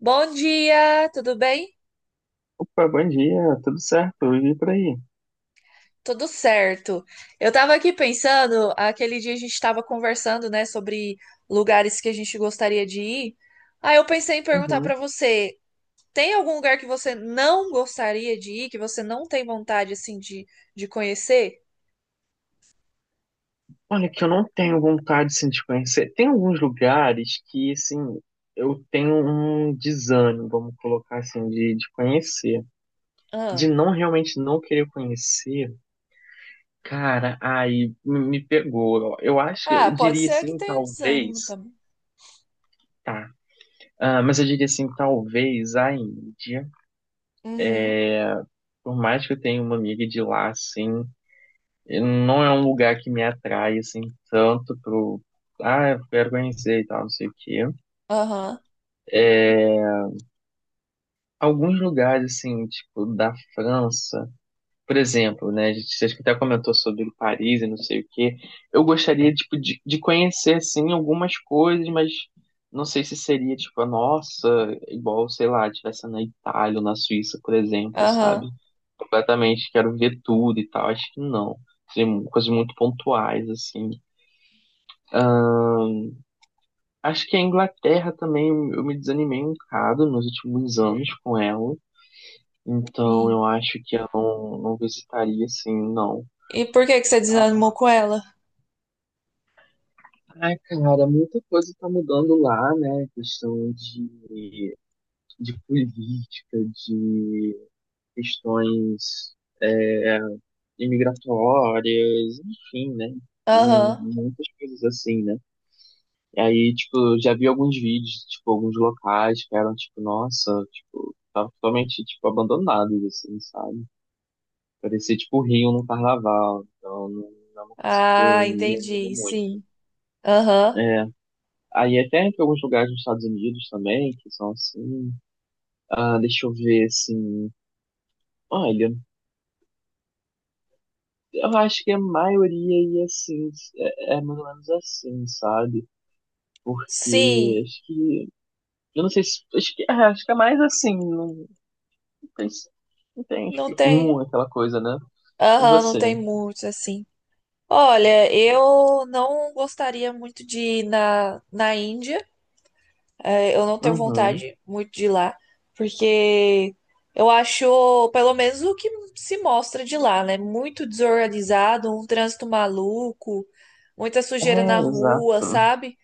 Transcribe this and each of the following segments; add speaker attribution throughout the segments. Speaker 1: Bom dia, tudo bem?
Speaker 2: Opa, bom dia, tudo certo? E por aí?
Speaker 1: Tudo certo. Eu tava aqui pensando, aquele dia a gente estava conversando, né, sobre lugares que a gente gostaria de ir. Aí eu pensei em perguntar
Speaker 2: Uhum.
Speaker 1: pra você, tem algum lugar que você não gostaria de ir, que você não tem vontade assim de conhecer?
Speaker 2: Olha, que eu não tenho vontade assim, de conhecer. Tem alguns lugares que, assim, eu tenho um desânimo, vamos colocar assim, de conhecer. De
Speaker 1: Ah.
Speaker 2: não realmente não querer conhecer, cara, aí me pegou. Ó. Eu acho que
Speaker 1: Ah,
Speaker 2: eu
Speaker 1: pode
Speaker 2: diria
Speaker 1: ser que
Speaker 2: assim,
Speaker 1: tenha desânimo
Speaker 2: talvez,
Speaker 1: também.
Speaker 2: tá. Ah, mas eu diria assim, talvez a Índia.
Speaker 1: Uhum.
Speaker 2: Por mais que eu tenha uma amiga de lá, assim, não é um lugar que me atrai assim tanto pro ah, eu quero conhecer e tal, não sei o quê.
Speaker 1: Aham.
Speaker 2: Alguns lugares assim, tipo da França, por exemplo, né, a gente acho que até comentou sobre Paris e não sei o quê. Eu gostaria tipo de conhecer assim algumas coisas, mas não sei se seria tipo a nossa, igual, sei lá, tivesse na Itália ou na Suíça, por exemplo, sabe?
Speaker 1: Aham.
Speaker 2: Completamente quero ver tudo e tal, acho que não. Seriam coisas muito pontuais assim. Acho que a Inglaterra também eu me desanimei um bocado nos últimos anos com ela. Então
Speaker 1: Sim.
Speaker 2: eu acho que eu não visitaria assim, não.
Speaker 1: E por que que você desanimou com ela?
Speaker 2: Ai, cara, muita coisa tá mudando lá, né? Questão de política, de questões é, imigratórias, enfim, né?
Speaker 1: Aham.
Speaker 2: Muitas coisas assim, né? E aí, tipo, eu já vi alguns vídeos, tipo, alguns locais que eram, tipo, nossa, tipo, tava totalmente, tipo, abandonados, assim, sabe? Parecia, tipo, Rio no carnaval. Então, não é uma coisa que eu
Speaker 1: Ah,
Speaker 2: me animo
Speaker 1: entendi.
Speaker 2: muito.
Speaker 1: Sim. Aham.
Speaker 2: É. Aí até tem alguns lugares nos Estados Unidos também, que são assim. Ah, deixa eu ver, assim. Olha, eu acho que a maioria ia assim, é mais ou menos assim, sabe? Porque
Speaker 1: Sim.
Speaker 2: acho que. Eu não sei se. Acho que, acho que é mais assim. Não, mas entende
Speaker 1: Não
Speaker 2: que
Speaker 1: tem.
Speaker 2: um, aquela coisa, né? E
Speaker 1: Aham, não
Speaker 2: você?
Speaker 1: tem muitos assim. Olha, eu não gostaria muito de ir na Índia. É, eu não tenho
Speaker 2: Uhum.
Speaker 1: vontade muito de ir lá, porque eu acho, pelo menos o que se mostra de lá, né? Muito desorganizado, um trânsito maluco, muita
Speaker 2: É,
Speaker 1: sujeira na rua,
Speaker 2: exato.
Speaker 1: sabe?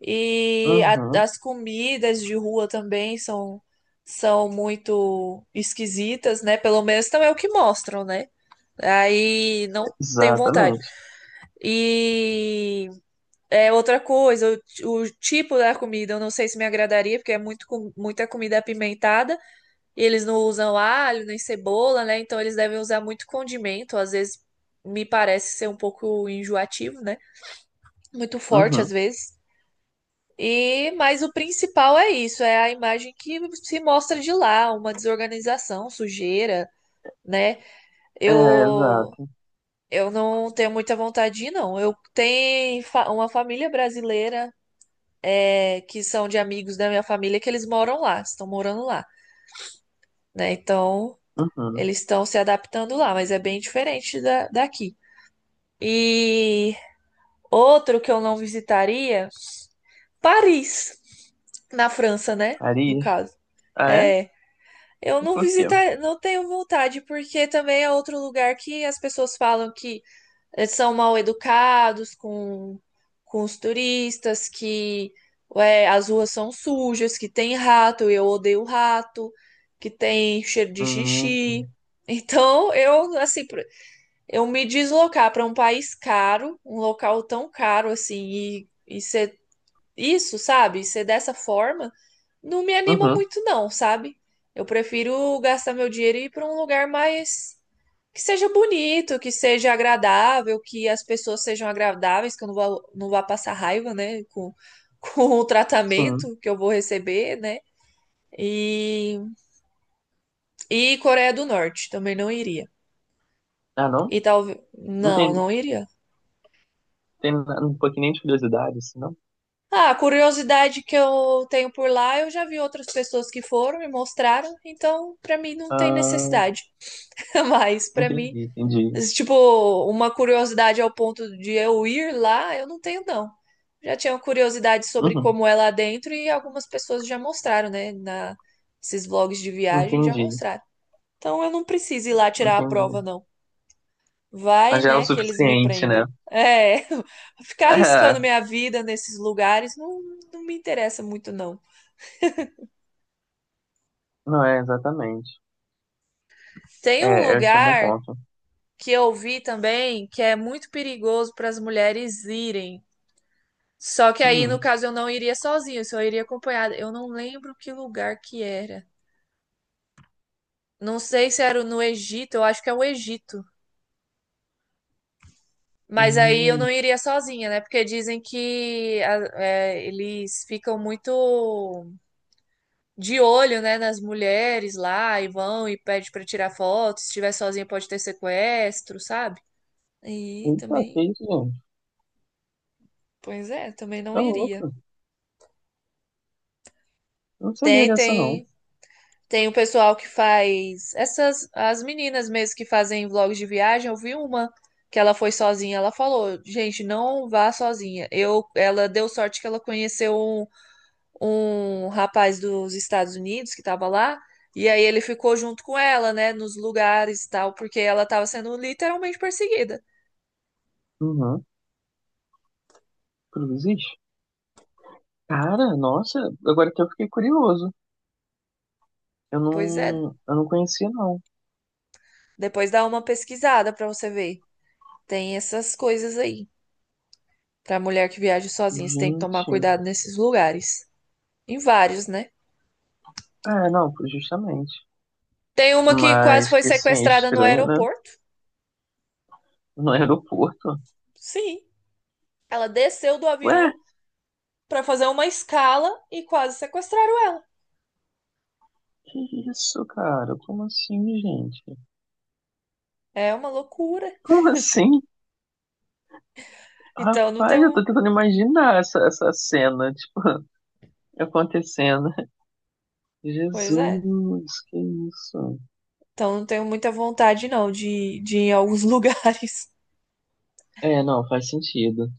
Speaker 1: E
Speaker 2: Uhum.
Speaker 1: as comidas de rua também são, são muito esquisitas, né? Pelo menos também é o que mostram, né? Aí não tenho vontade.
Speaker 2: Exatamente.
Speaker 1: E é outra coisa, o tipo da comida eu não sei se me agradaria, porque é muito, muita comida apimentada, e eles não usam alho nem cebola, né? Então eles devem usar muito condimento, às vezes me parece ser um pouco enjoativo, né? Muito forte às
Speaker 2: Uhum.
Speaker 1: vezes. E mas o principal é isso, é a imagem que se mostra de lá, uma desorganização, sujeira, né?
Speaker 2: É,
Speaker 1: Eu
Speaker 2: exato.
Speaker 1: Eu não tenho muita vontade de ir, não. Eu tenho uma família brasileira é, que são de amigos da minha família que eles moram lá, estão morando lá, né? Então
Speaker 2: Uhum.
Speaker 1: eles estão se adaptando lá, mas é bem diferente da, daqui. E outro que eu não visitaria, Paris, na França, né? No
Speaker 2: Arias?
Speaker 1: caso.
Speaker 2: Ah, é?
Speaker 1: É, eu
Speaker 2: E
Speaker 1: não
Speaker 2: por quê?
Speaker 1: visitar, não tenho vontade, porque também é outro lugar que as pessoas falam que eles são mal educados com os turistas, que é, as ruas são sujas, que tem rato, eu odeio rato, que tem cheiro de
Speaker 2: Hum.
Speaker 1: xixi. Então, eu, assim, eu me deslocar para um país caro, um local tão caro assim, e ser isso, sabe? Ser dessa forma, não me anima
Speaker 2: Uhum.
Speaker 1: muito, não, sabe? Eu prefiro gastar meu dinheiro e ir para um lugar mais que seja bonito, que seja agradável, que as pessoas sejam agradáveis, que eu não vá, não vá passar raiva, né, com, com o
Speaker 2: Sim.
Speaker 1: tratamento que eu vou receber, né? E, e Coreia do Norte, também não iria.
Speaker 2: Ah, não?
Speaker 1: E talvez.
Speaker 2: Não
Speaker 1: Não,
Speaker 2: tem,
Speaker 1: não iria.
Speaker 2: tem na- um pouquinho nem de curiosidade, assim, não?
Speaker 1: Ah, a curiosidade que eu tenho por lá, eu já vi outras pessoas que foram e mostraram, então pra mim não tem
Speaker 2: Ah,
Speaker 1: necessidade. Mas pra mim
Speaker 2: entendi, entendi.
Speaker 1: tipo, uma curiosidade ao ponto de eu ir lá, eu não tenho, não. Já tinha curiosidade sobre
Speaker 2: Uhum.
Speaker 1: como é lá dentro e algumas pessoas já mostraram, né? Esses vlogs de viagem já
Speaker 2: Entendi,
Speaker 1: mostraram. Então eu não preciso ir lá tirar a
Speaker 2: entendi.
Speaker 1: prova, não. Vai,
Speaker 2: Mas já é o
Speaker 1: né, que eles me
Speaker 2: suficiente, né?
Speaker 1: prendem. É, ficar arriscando
Speaker 2: É,
Speaker 1: minha vida nesses lugares não, não me interessa muito, não.
Speaker 2: não é exatamente.
Speaker 1: Tem um
Speaker 2: É, esse é um bom
Speaker 1: lugar
Speaker 2: ponto.
Speaker 1: que eu vi também que é muito perigoso para as mulheres irem. Só que aí, no
Speaker 2: Hum.
Speaker 1: caso, eu não iria sozinho, eu só iria acompanhada. Eu não lembro que lugar que era. Não sei se era no Egito, eu acho que é o Egito. Mas aí eu não
Speaker 2: Hum.
Speaker 1: iria sozinha, né? Porque dizem que é, eles ficam muito de olho, né, nas mulheres lá e vão e pede pra tirar foto. Se estiver sozinha pode ter sequestro, sabe? E
Speaker 2: Eita, que
Speaker 1: também,
Speaker 2: isso, gente?
Speaker 1: pois é, também não
Speaker 2: Tá
Speaker 1: iria.
Speaker 2: louco. Eu não sabia
Speaker 1: Tem,
Speaker 2: dessa, não.
Speaker 1: tem Tem o pessoal que faz essas as meninas mesmo que fazem vlogs de viagem. Eu vi uma que ela foi sozinha, ela falou: "Gente, não vá sozinha". Eu ela deu sorte que ela conheceu um, um rapaz dos Estados Unidos que estava lá e aí ele ficou junto com ela, né, nos lugares e tal, porque ela estava sendo literalmente perseguida.
Speaker 2: Uhum. Cruzes? Cara, nossa, agora que eu fiquei curioso. Eu
Speaker 1: Pois é,
Speaker 2: não, eu não conhecia, não.
Speaker 1: depois dá uma pesquisada para você ver. Tem essas coisas aí. Para mulher que viaja sozinha, você tem que tomar
Speaker 2: Gente.
Speaker 1: cuidado nesses lugares. Em vários, né?
Speaker 2: Ah, não, justamente.
Speaker 1: Tem uma que quase
Speaker 2: Mas
Speaker 1: foi
Speaker 2: que assim, é
Speaker 1: sequestrada no
Speaker 2: estranho, né?
Speaker 1: aeroporto.
Speaker 2: No aeroporto.
Speaker 1: Sim, ela desceu do
Speaker 2: Ué,
Speaker 1: avião para fazer uma escala e quase sequestraram ela.
Speaker 2: que isso, cara? Como assim, gente?
Speaker 1: É uma loucura.
Speaker 2: Como assim?
Speaker 1: Então não
Speaker 2: Rapaz, eu tô
Speaker 1: tenho.
Speaker 2: tentando imaginar essa cena, tipo, acontecendo.
Speaker 1: Pois é.
Speaker 2: Jesus, que isso.
Speaker 1: Então não tenho muita vontade, não, de ir em alguns lugares.
Speaker 2: É, não, faz sentido.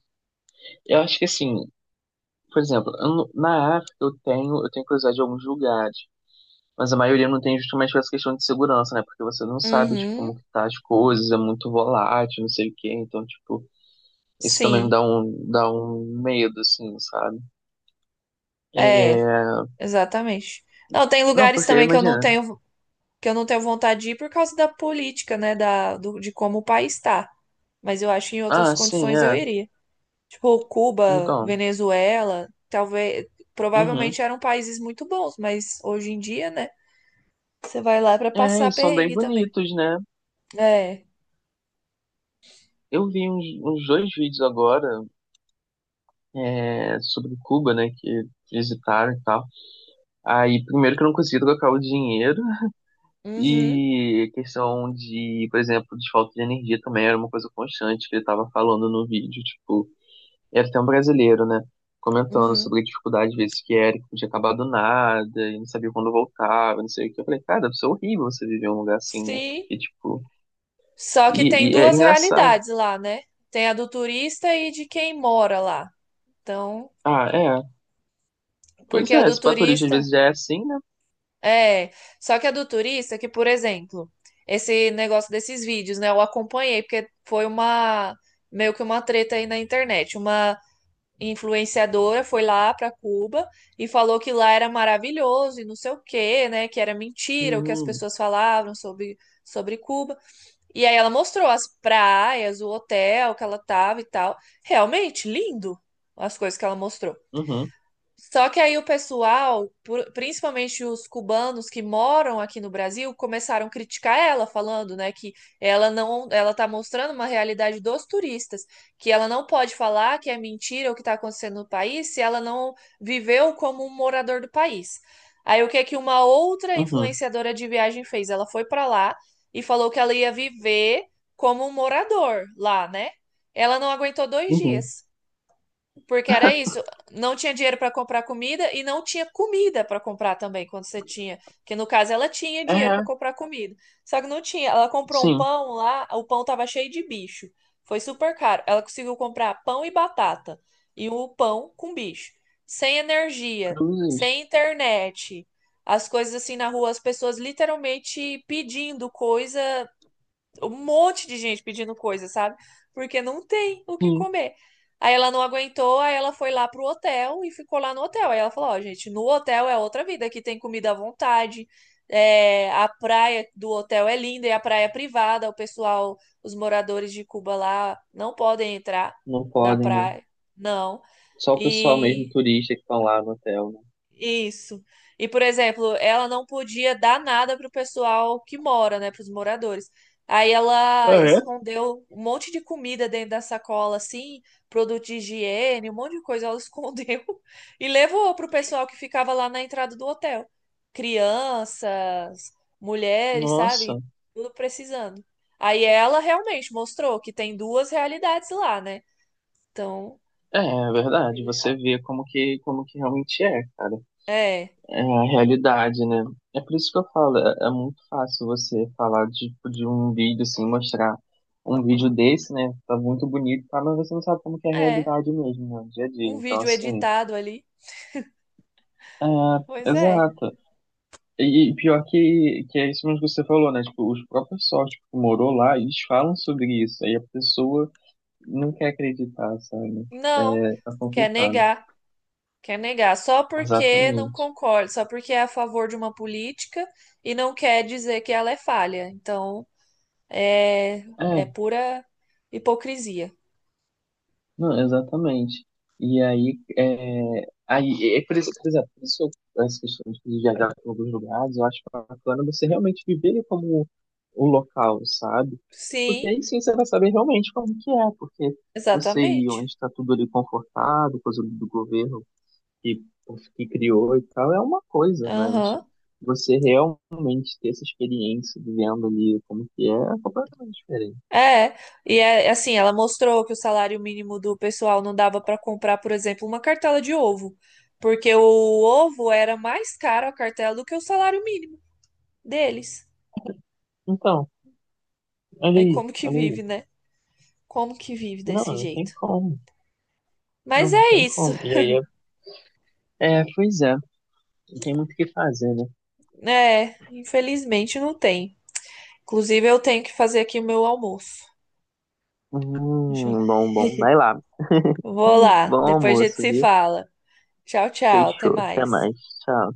Speaker 2: Eu acho que assim, por exemplo, eu não- na África eu tenho curiosidade de alguns lugares, mas a maioria não tem justamente por essa questão de segurança, né? Porque você não sabe, tipo, como
Speaker 1: Uhum.
Speaker 2: que tá as coisas, é muito volátil, não sei o quê, então, tipo, isso também
Speaker 1: Sim.
Speaker 2: dá um medo, assim, sabe?
Speaker 1: É,
Speaker 2: É...
Speaker 1: exatamente. Não, tem
Speaker 2: Não,
Speaker 1: lugares
Speaker 2: porque
Speaker 1: também que eu não
Speaker 2: imagina,
Speaker 1: tenho, que eu não tenho vontade de ir por causa da política, né? Da, de como o país está. Mas eu acho que em outras
Speaker 2: ah, sim,
Speaker 1: condições eu
Speaker 2: é,
Speaker 1: iria. Tipo, Cuba,
Speaker 2: então,
Speaker 1: Venezuela, talvez,
Speaker 2: uhum.
Speaker 1: provavelmente eram países muito bons, mas hoje em dia, né? Você vai lá pra
Speaker 2: É,
Speaker 1: passar
Speaker 2: e são bem
Speaker 1: perrengue também.
Speaker 2: bonitos, né?
Speaker 1: É.
Speaker 2: Eu vi uns, uns dois vídeos agora, sobre Cuba, né, que visitaram e tal. Aí, primeiro que eu não consegui trocar o dinheiro,
Speaker 1: Uhum,
Speaker 2: e questão de, por exemplo, de falta de energia também era uma coisa constante que ele estava falando no vídeo. Tipo, era até um brasileiro, né? Comentando
Speaker 1: uhum.
Speaker 2: sobre a dificuldade, às vezes, que era, que podia acabar do nada, e não sabia quando voltava, não sei o que. Eu falei, cara, isso é horrível você viver em um lugar assim, né?
Speaker 1: Sim.
Speaker 2: E, tipo,
Speaker 1: Só que tem
Speaker 2: e era
Speaker 1: duas
Speaker 2: engraçado.
Speaker 1: realidades lá, né? Tem a do turista e de quem mora lá. Então,
Speaker 2: Ah, é. Pois
Speaker 1: porque a
Speaker 2: é,
Speaker 1: do
Speaker 2: esse paturista às
Speaker 1: turista
Speaker 2: vezes já é assim, né?
Speaker 1: é, só que a do turista que, por exemplo, esse negócio desses vídeos, né? Eu acompanhei porque foi uma meio que uma treta aí na internet, uma influenciadora foi lá para Cuba e falou que lá era maravilhoso e não sei o quê, né? Que era mentira o que as
Speaker 2: Uhum,
Speaker 1: pessoas falavam sobre Cuba. E aí ela mostrou as praias, o hotel que ela tava e tal. Realmente lindo as coisas que ela mostrou.
Speaker 2: uhum,
Speaker 1: Só que aí o pessoal, principalmente os cubanos que moram aqui no Brasil, começaram a criticar ela, falando, né, que ela não, ela tá mostrando uma realidade dos turistas, que ela não pode falar que é mentira o que está acontecendo no país se ela não viveu como um morador do país. Aí o que é que uma outra
Speaker 2: uhum,
Speaker 1: influenciadora de viagem fez? Ela foi para lá e falou que ela ia viver como um morador lá, né? Ela não aguentou dois
Speaker 2: uhum.
Speaker 1: dias. Porque era isso, não tinha dinheiro para comprar comida e não tinha comida para comprar também quando você tinha, que no caso ela tinha dinheiro
Speaker 2: É,
Speaker 1: para comprar comida. Só que não tinha, ela comprou um
Speaker 2: sim,
Speaker 1: pão lá, o pão tava cheio de bicho. Foi super caro. Ela conseguiu comprar pão e batata e o pão com bicho. Sem energia,
Speaker 2: cruzes.
Speaker 1: sem internet. As coisas assim na rua, as pessoas literalmente pedindo coisa um monte de gente pedindo coisa, sabe? Porque não tem o que
Speaker 2: Sim,
Speaker 1: comer. Aí ela não aguentou, aí ela foi lá pro hotel e ficou lá no hotel. Aí ela falou: Ó, gente, no hotel é outra vida, aqui tem comida à vontade, é, a praia do hotel é linda, e a praia é privada, o pessoal, os moradores de Cuba lá não podem entrar
Speaker 2: não
Speaker 1: na
Speaker 2: podem, né?
Speaker 1: praia, não.
Speaker 2: Só o pessoal mesmo
Speaker 1: E
Speaker 2: turista que estão lá no hotel, né?
Speaker 1: isso. E, por exemplo, ela não podia dar nada pro pessoal que mora, né, pros moradores. Aí ela
Speaker 2: Ah, é?
Speaker 1: escondeu um monte de comida dentro da sacola, assim, produto de higiene, um monte de coisa. Ela escondeu e levou pro pessoal que ficava lá na entrada do hotel. Crianças, mulheres, sabe?
Speaker 2: Nossa,
Speaker 1: Tudo precisando. Aí ela realmente mostrou que tem duas realidades lá, né? Então,
Speaker 2: é, é
Speaker 1: eu achei
Speaker 2: verdade. Você
Speaker 1: legal.
Speaker 2: vê como que realmente é, cara.
Speaker 1: É,
Speaker 2: É a realidade, né? É por isso que eu falo, é, é muito fácil você falar de um vídeo assim, mostrar um vídeo desse, né? Tá muito bonito, tá? Mas você não sabe como que é a
Speaker 1: é.
Speaker 2: realidade mesmo, né? Dia a dia.
Speaker 1: Um
Speaker 2: Então,
Speaker 1: vídeo
Speaker 2: assim,
Speaker 1: editado ali.
Speaker 2: é,
Speaker 1: Pois é.
Speaker 2: exato. E pior que é isso mesmo que você falou, né? Tipo, os próprios sócios que morou lá, eles falam sobre isso. Aí a pessoa não quer acreditar, sabe?
Speaker 1: Não,
Speaker 2: É, tá
Speaker 1: quer
Speaker 2: complicado.
Speaker 1: negar, quer negar, só porque não
Speaker 2: Exatamente.
Speaker 1: concorda, só porque é a favor de uma política e não quer dizer que ela é falha. Então, é,
Speaker 2: É,
Speaker 1: é pura hipocrisia.
Speaker 2: não, exatamente. E aí é, por isso, por exemplo, por isso eu- essa questão de viajar para alguns lugares, eu acho bacana você realmente viver como o local, sabe? Porque
Speaker 1: Sim,
Speaker 2: aí sim você vai saber realmente como que é, porque você ir
Speaker 1: exatamente.
Speaker 2: onde está tudo ali confortado, coisa do governo que, que criou e tal é uma coisa, mas
Speaker 1: Aham.
Speaker 2: você realmente ter essa experiência vivendo ali como que é, é completamente diferente.
Speaker 1: É, e é assim, ela mostrou que o salário mínimo do pessoal não dava para comprar, por exemplo, uma cartela de ovo, porque o ovo era mais caro a cartela do que o salário mínimo deles.
Speaker 2: Então, olha
Speaker 1: É
Speaker 2: aí,
Speaker 1: como que
Speaker 2: olha aí.
Speaker 1: vive, né? Como que vive
Speaker 2: Não,
Speaker 1: desse
Speaker 2: não tem
Speaker 1: jeito?
Speaker 2: como. Não,
Speaker 1: Mas
Speaker 2: não
Speaker 1: é
Speaker 2: tem
Speaker 1: isso.
Speaker 2: como. E aí, é, é, pois é, não tem muito o que fazer, né?
Speaker 1: É, infelizmente não tem. Inclusive, eu tenho que fazer aqui o meu almoço. Deixa eu-
Speaker 2: Bom, bom. Vai lá.
Speaker 1: Vou lá,
Speaker 2: Bom
Speaker 1: depois a gente
Speaker 2: almoço,
Speaker 1: se
Speaker 2: viu?
Speaker 1: fala. Tchau, tchau, até
Speaker 2: Fechou. Até
Speaker 1: mais.
Speaker 2: mais. Tchau.